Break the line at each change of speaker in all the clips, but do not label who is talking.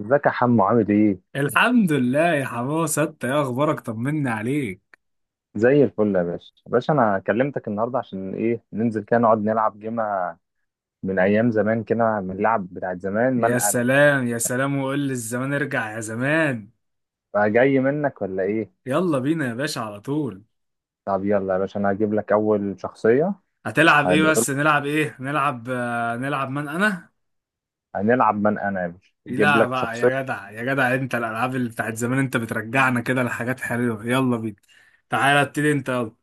ازيك يا حمو عامل ايه؟
الحمد لله يا حماسة، انت ايه اخبارك؟ طمني عليك.
زي الفل يا باشا، يا باشا انا كلمتك النهارده عشان ايه ننزل كده نقعد نلعب جيمة من ايام زمان كده من اللعب بتاعت زمان من
يا
انا
سلام يا سلام، وقول لي الزمان ارجع يا زمان.
فجاي منك ولا ايه؟
يلا بينا يا باشا على طول.
طب يلا يا باشا انا هجيب لك اول شخصية.
هتلعب ايه؟
هنقول
بس نلعب ايه؟ نلعب نلعب من انا.
هنلعب من انا يا باشا اجيب
لا
لك
بقى
شخصية.
يا جدع يا جدع، انت الالعاب اللي بتاعت زمان انت بترجعنا كده لحاجات حلوة. يلا بينا. تعالى ابتدي انت، يلا.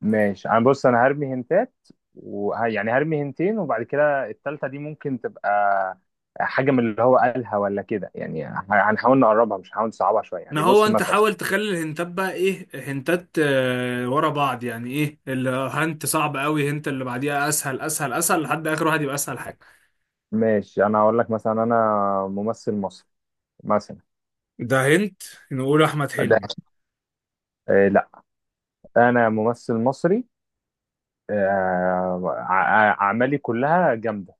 ماشي انا بص انا هرمي هنتات. يعني هرمي هنتين وبعد كده التالتة دي ممكن تبقى حاجة من اللي هو قالها ولا كده يعني. هنحاول نقربها مش هنحاول نصعبها شوية
ما
يعني.
هو
بص
انت
مثلا،
حاول تخلي الهنتات بقى ايه، هنتات ورا بعض يعني، ايه الهنت صعب قوي، هنت اللي بعديها اسهل اسهل اسهل لحد اخر واحد يبقى اسهل حاجة.
ماشي. انا هقول لك مثلا، انا ممثل مصري مثلا.
ده هنت. نقول احمد
ده
حلمي.
آه لا، انا ممثل مصري. اعمالي كلها جامده،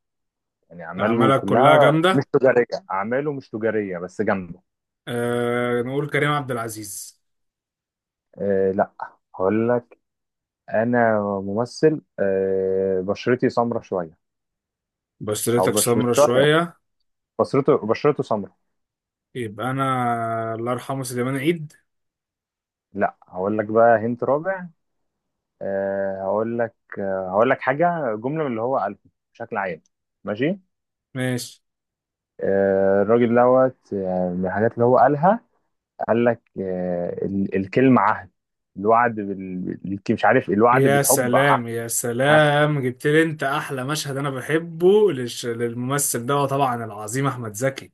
يعني اعماله
اعمالك كلها
كلها مش
جامده.
تجاريه. اعماله مش تجاريه بس جامده.
أه، نقول كريم عبد العزيز.
آه لا، هقول لك انا ممثل آه بشرتي سمرة شويه. او
بشرتك
بش مش
سمرة
شويه،
شويه.
بشرته سمرة.
يبقى انا الله يرحمه سليمان عيد.
لا هقول لك بقى هنت رابع. آه هقول لك، آه هقول لك حاجه جمله من اللي هو قالها بشكل عام. ماشي،
ماشي.
الراجل دوت، من الحاجات اللي هو قالها قال لك، الكلمة عهد. الوعد مش عارف، الوعد
يا
بالحب عهد.
سلام يا
عهد.
سلام، جبت لي انت احلى مشهد انا بحبه للممثل ده طبعا، العظيم احمد زكي.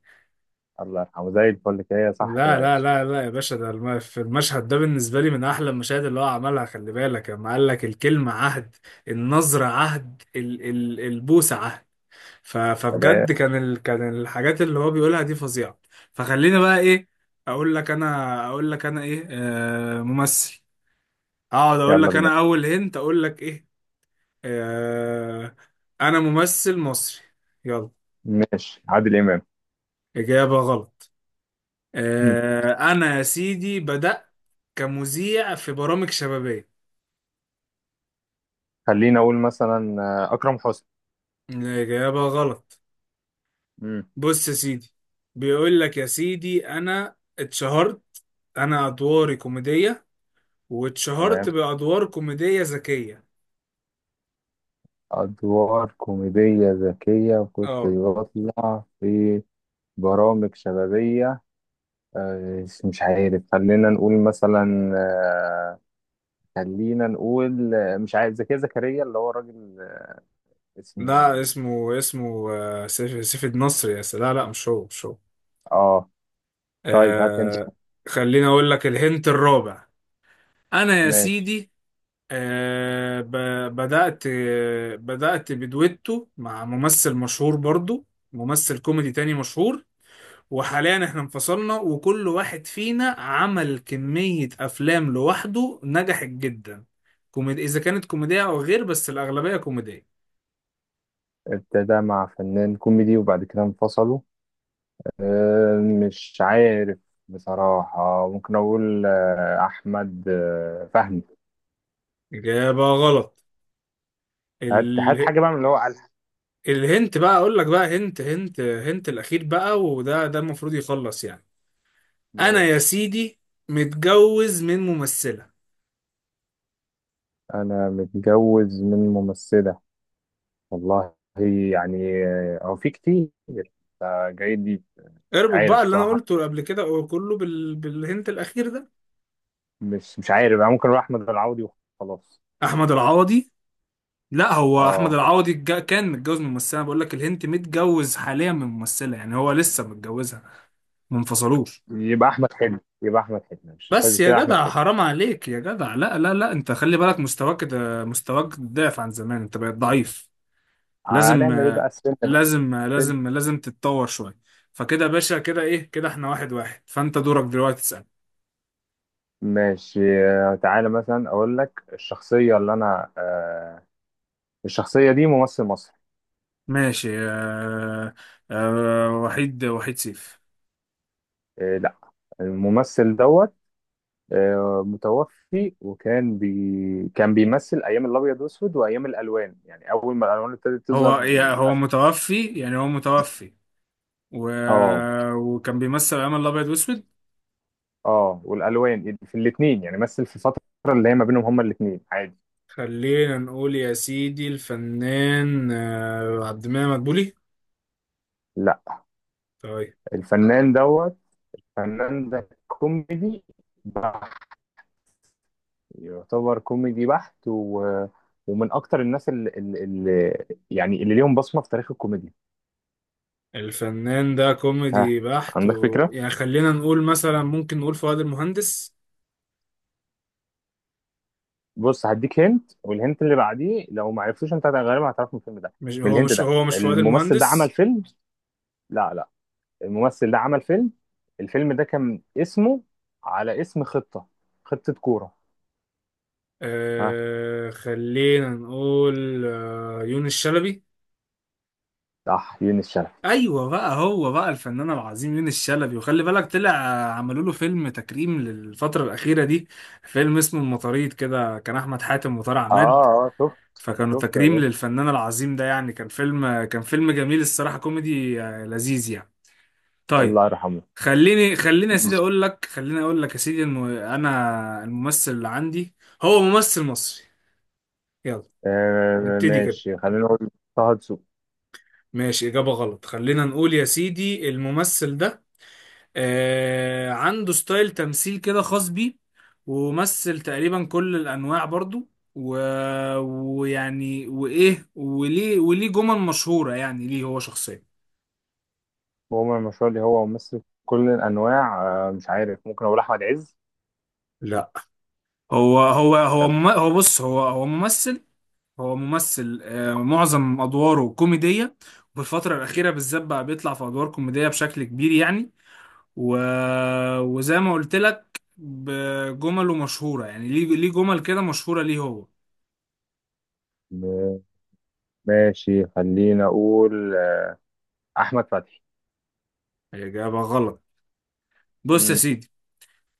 الله يرحمه. زي الفل كده صح كده
لا
يا
لا
باشا؟
لا لا يا باشا، في المشهد ده بالنسبه لي من احلى المشاهد اللي هو عملها. خلي بالك لما قال لك الكلمه عهد. النظره عهد، البوسه عهد. فبجد
فده-
كان الحاجات اللي هو بيقولها دي فظيعة. فخليني بقى ايه. اقول لك انا ايه، ممثل. اقعد اقول
يلا
لك
بينا.
انا اول هنت، اقول لك ايه؟ آه. انا ممثل مصري. يلا.
ماشي، عادل إمام.
اجابة غلط.
مم.
آه، انا يا سيدي بدأت كمذيع في برامج شبابية.
خلينا أقول مثلا أكرم حسني.
الاجابة غلط.
مم.
بص يا سيدي، بيقول لك يا سيدي انا اتشهرت. انا ادواري كوميدية،
تمام،
واتشهرت بأدوار كوميدية ذكية.
أدوار كوميدية ذكية وكنت
اه
بطلع في برامج شبابية. مش عارف، خلينا نقول مثلا خلينا نقول، مش عارف، زكي زكريا اللي هو الراجل
لا.
اسمه.
اسمه سيف النصر. يا سلام، لا لا، مش هو مش هو.
اه، طيب هات انت.
آه، خليني اقول لك الهنت الرابع. انا يا
ماشي،
سيدي، آه ب بدأت بدويتو مع ممثل مشهور برضو، ممثل كوميدي تاني مشهور. وحاليا احنا انفصلنا وكل واحد فينا عمل كمية افلام لوحده نجحت جدا، كوميدي اذا كانت كوميدية او غير، بس الاغلبية كوميدية.
ابتدى مع فنان كوميدي وبعد كده انفصلوا. آه، مش عارف بصراحة. ممكن أقول أحمد فهمي.
إجابة غلط.
هات هات
ال...
حاجة بقى من اللي هو قالها.
الهنت بقى أقول لك، بقى هنت الأخير بقى، وده المفروض يخلص يعني. أنا يا
ماشي،
سيدي متجوز من ممثلة.
أنا متجوز من ممثلة. والله يعني هو في كتير. جاي دي مش
اربط
عارف
بقى اللي أنا
بصراحة.
قلته قبل كده كله بالهنت الأخير ده.
مش مش عارف، أنا ممكن أروح أحمد العوضي وخلاص.
أحمد العوضي. لا، هو أحمد
اه،
العوضي كان متجوز من ممثلة. بقول لك الهنت: متجوز حاليا من ممثلة، يعني هو لسه متجوزها، ما انفصلوش.
يبقى احمد حلمي، يبقى احمد حلمي، ماشي طيب،
بس يا
كده احمد
جدع
حلمي.
حرام عليك يا جدع، لا لا لا، انت خلي بالك مستواك ده، مستواك ضعف عن زمان، انت بقيت ضعيف. لازم
هنعمل ايه بقى
آه،
السن بقى؟
لازم آه،
السن،
لازم لازم تتطور شوية. فكده يا باشا، كده ايه، كده احنا واحد واحد، فانت دورك دلوقتي تسأل.
ماشي. تعالى مثلا اقول لك الشخصيه اللي انا آه، الشخصيه دي ممثل مصري.
ماشي. آه آه، وحيد سيف.
آه لا، الممثل دوت آه متوفي، وكان بي كان بيمثل ايام الابيض والاسود وايام الالوان، يعني اول ما الالوان ابتدت تظهر.
هو هو
الأف-
متوفي يعني، هو متوفي. و...
اه.
وكان بيمثل أيام الأبيض وأسود.
اه والالوان، يعني في الاثنين، يعني مثل في فتره اللي هي ما بينهم، هما الاثنين عادي.
خلينا نقول يا سيدي الفنان عبد المنعم مدبولي.
لا،
طيب.
الفنان دوت فنان ده كوميدي بحت. يعتبر كوميدي بحت و... ومن اكتر الناس اللي يعني اللي ليهم بصمه في تاريخ الكوميديا.
الفنان ده
ها،
كوميدي بحت
عندك فكره؟
يعني خلينا نقول مثلا ممكن نقول فؤاد المهندس.
بص، هديك هنت والهنت اللي بعديه لو ما عرفتوش انت غالبا هتعرف من الفيلم ده.
مش
من
هو
الهنت
مش
ده،
هو، مش فؤاد
الممثل ده عمل
المهندس.
فيلم. لا لا، الممثل ده عمل فيلم، الفيلم ده كان اسمه على اسم خطه. خطه كوره. ها،
آه، خلينا نقول يونس شلبي.
صح، يونس شلبي.
ايوه بقى، هو بقى الفنان العظيم يونس شلبي. وخلي بالك طلع عملوا له فيلم تكريم للفتره الاخيره دي، فيلم اسمه المطاريد، كده كان احمد حاتم وطارق
اه
عماد.
اه، شفت.
فكانوا
شفت يا
تكريم
باشا،
للفنان العظيم ده يعني. كان فيلم جميل الصراحه، كوميدي لذيذ يعني. طيب.
الله يرحمه.
خليني يا سيدي اقول لك، خليني اقول لك يا سيدي انه انا الممثل اللي عندي هو ممثل مصري. يلا،
آه
نبتدي كده.
ماشي، خلينا نقول طه دسوقي.
ماشي. إجابة غلط. خلينا نقول يا سيدي الممثل ده عنده ستايل تمثيل كده خاص بيه، ومثل تقريبا كل الأنواع برضو. و... ويعني وإيه وليه جمل مشهورة يعني، ليه هو شخصيا.
هو من المشروع اللي هو ممثل كل الأنواع. آه مش عارف، ممكن أقول أحمد عز.
لا. هو
تمام.
هو بص هو ممثل. هو ممثل، معظم أدواره كوميدية، وفي الفترة الأخيرة بالذات بقى بيطلع في أدوار كوميدية بشكل كبير يعني. و... وزي ما قلت لك بجمله مشهورة يعني، ليه جمل كده مشهورة، ليه هو.
آه، ماشي خلينا أقول أحمد فتحي.
إجابة غلط. بص يا
مم.
سيدي،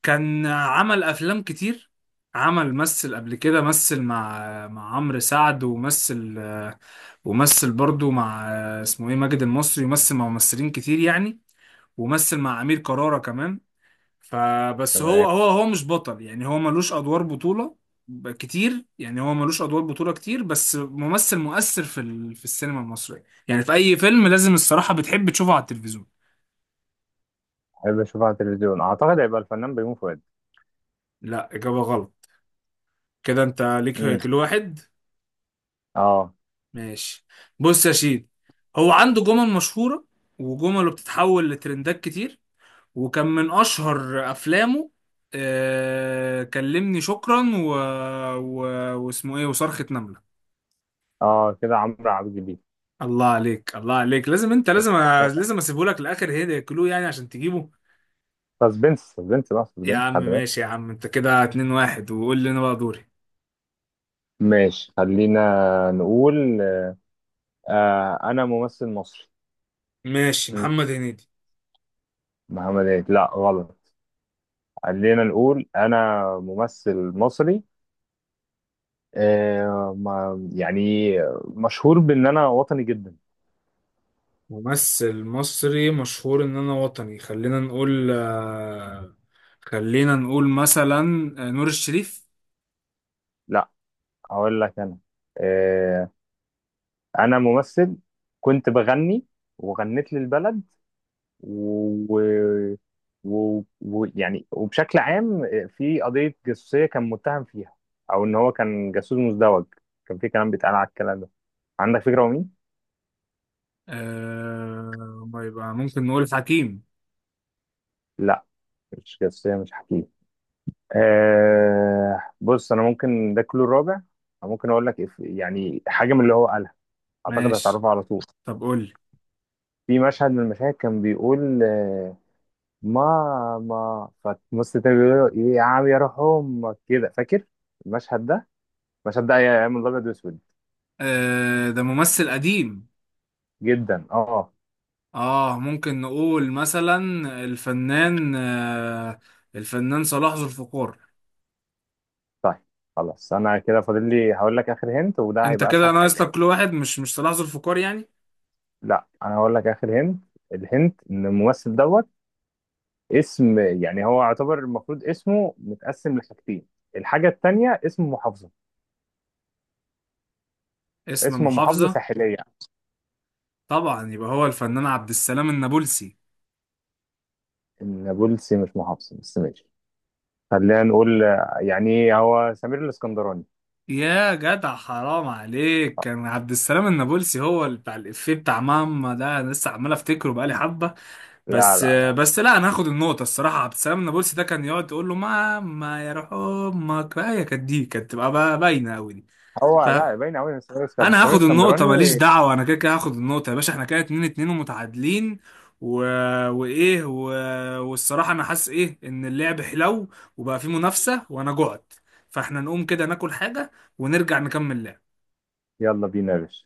كان عمل أفلام كتير. عمل مثل قبل كده، مثل مع عمرو سعد، ومثل، ومثل برضو مع اسمه ايه ماجد المصري، ومثل مع ممثلين كتير يعني، ومثل مع أمير كرارة كمان. فبس هو
تمام،
هو هو مش بطل يعني، هو ملوش ادوار بطولة. كتير يعني، هو ملوش ادوار بطولة كتير، بس ممثل مؤثر في السينما المصرية يعني، في اي فيلم لازم الصراحة بتحب تشوفه على التلفزيون.
أحب أشوفه على التلفزيون. أعتقد هيبقى الفنان بيومي فؤاد.
لا، اجابة غلط. كده انت ليك
مم.
كل واحد.
أه.
ماشي. بص يا شيد، هو عنده جمل مشهورة، وجمله بتتحول لترندات كتير، وكان من اشهر افلامه كلمني شكرا، و... واسمه ايه وصرخة نملة.
أه كده عمرو عبد الجليل.
الله عليك الله عليك، لازم انت، لازم اسيبه لك لاخر هيدا كلو يعني عشان تجيبه.
سسبنس، سسبنس بقى،
يا
سسبنس،
عم
خلي
ماشي يا
بالك.
عم، انت كده 2-1، وقول لي انا بقى دوري.
ماشي خلينا نقول آه، أنا ممثل مصري.
ماشي.
مم.
محمد هنيدي.
محمد عيد، لا غلط. خلينا نقول انا ممثل مصري، يعني مشهور بان انا وطني جدا.
ممثل مصري مشهور ان انا وطني. خلينا نقول خلينا نقول مثلا نور الشريف.
لا، اقول لك انا آه، انا ممثل كنت بغني وغنيت للبلد و... و... يعني وبشكل عام في قضية جاسوسية كان متهم فيها، او ان هو كان جاسوس مزدوج. كان في كلام بيتقال على الكلام ده. عندك فكرة هو مين؟
آه، ما يبقى ممكن نقول حكيم.
لا، مش جاسوسية مش حكيم. آه بص، انا ممكن ده كله الرابع. أنا ممكن اقول لك يعني حاجه من اللي هو قالها، اعتقد
ماشي.
هتعرفها على طول.
طب قول لي.
في مشهد من المشاهد كان بيقول آه ماما، فمص تاني بيقول له ايه يا عم يا روح امك، كده فاكر المشهد ده؟ المشهد ده ايام الابيض واسود
آه، ده ممثل قديم.
جدا. اه،
اه، ممكن نقول مثلا الفنان آه الفنان صلاح ذو الفقار.
طيب خلاص، انا كده فاضل لي هقول لك اخر هنت وده
انت
هيبقى
كده
اسهل حاجه.
ناقص لك كل واحد، مش صلاح ذو الفقار يعني.
لا، انا هقول لك اخر هنت. الهنت ان الممثل دوت اسم، يعني هو يعتبر المفروض اسمه متقسم لحاجتين، الحاجة التانية اسم محافظة.
اسم
اسم محافظة
محافظة.
ساحلية.
طبعا يبقى هو الفنان عبد السلام النابلسي.
نابلسي مش محافظة بس ماشي. خلينا نقول يعني هو سمير الاسكندراني.
يا جدع حرام عليك، كان عبد السلام النابلسي هو اللي بتاع الإفيه بتاع ماما ده، انا لسه عمال افتكره بقالي حبة.
لا
بس
لا
آه،
لا.
بس لا، انا هاخد النقطة الصراحة. عبد السلام النابلسي ده كان يقعد يقول له ماما يا روح امك، بقى هي كانت دي كانت تبقى بقى باينة قوي دي.
هو
ف-
لا باين قوي سمير
انا
سمير
هاخد النقطة، ماليش
الاسكندراني.
دعوة، انا كده كده هاخد النقطة يا باشا. احنا كده 2-2 ومتعادلين. و... وايه، والصراحة انا حاسس ايه ان اللعب حلو، وبقى فيه منافسة، وانا جعت، فاحنا نقوم كده ناكل حاجة، ونرجع نكمل لعب.
يلا بينا يا باشا.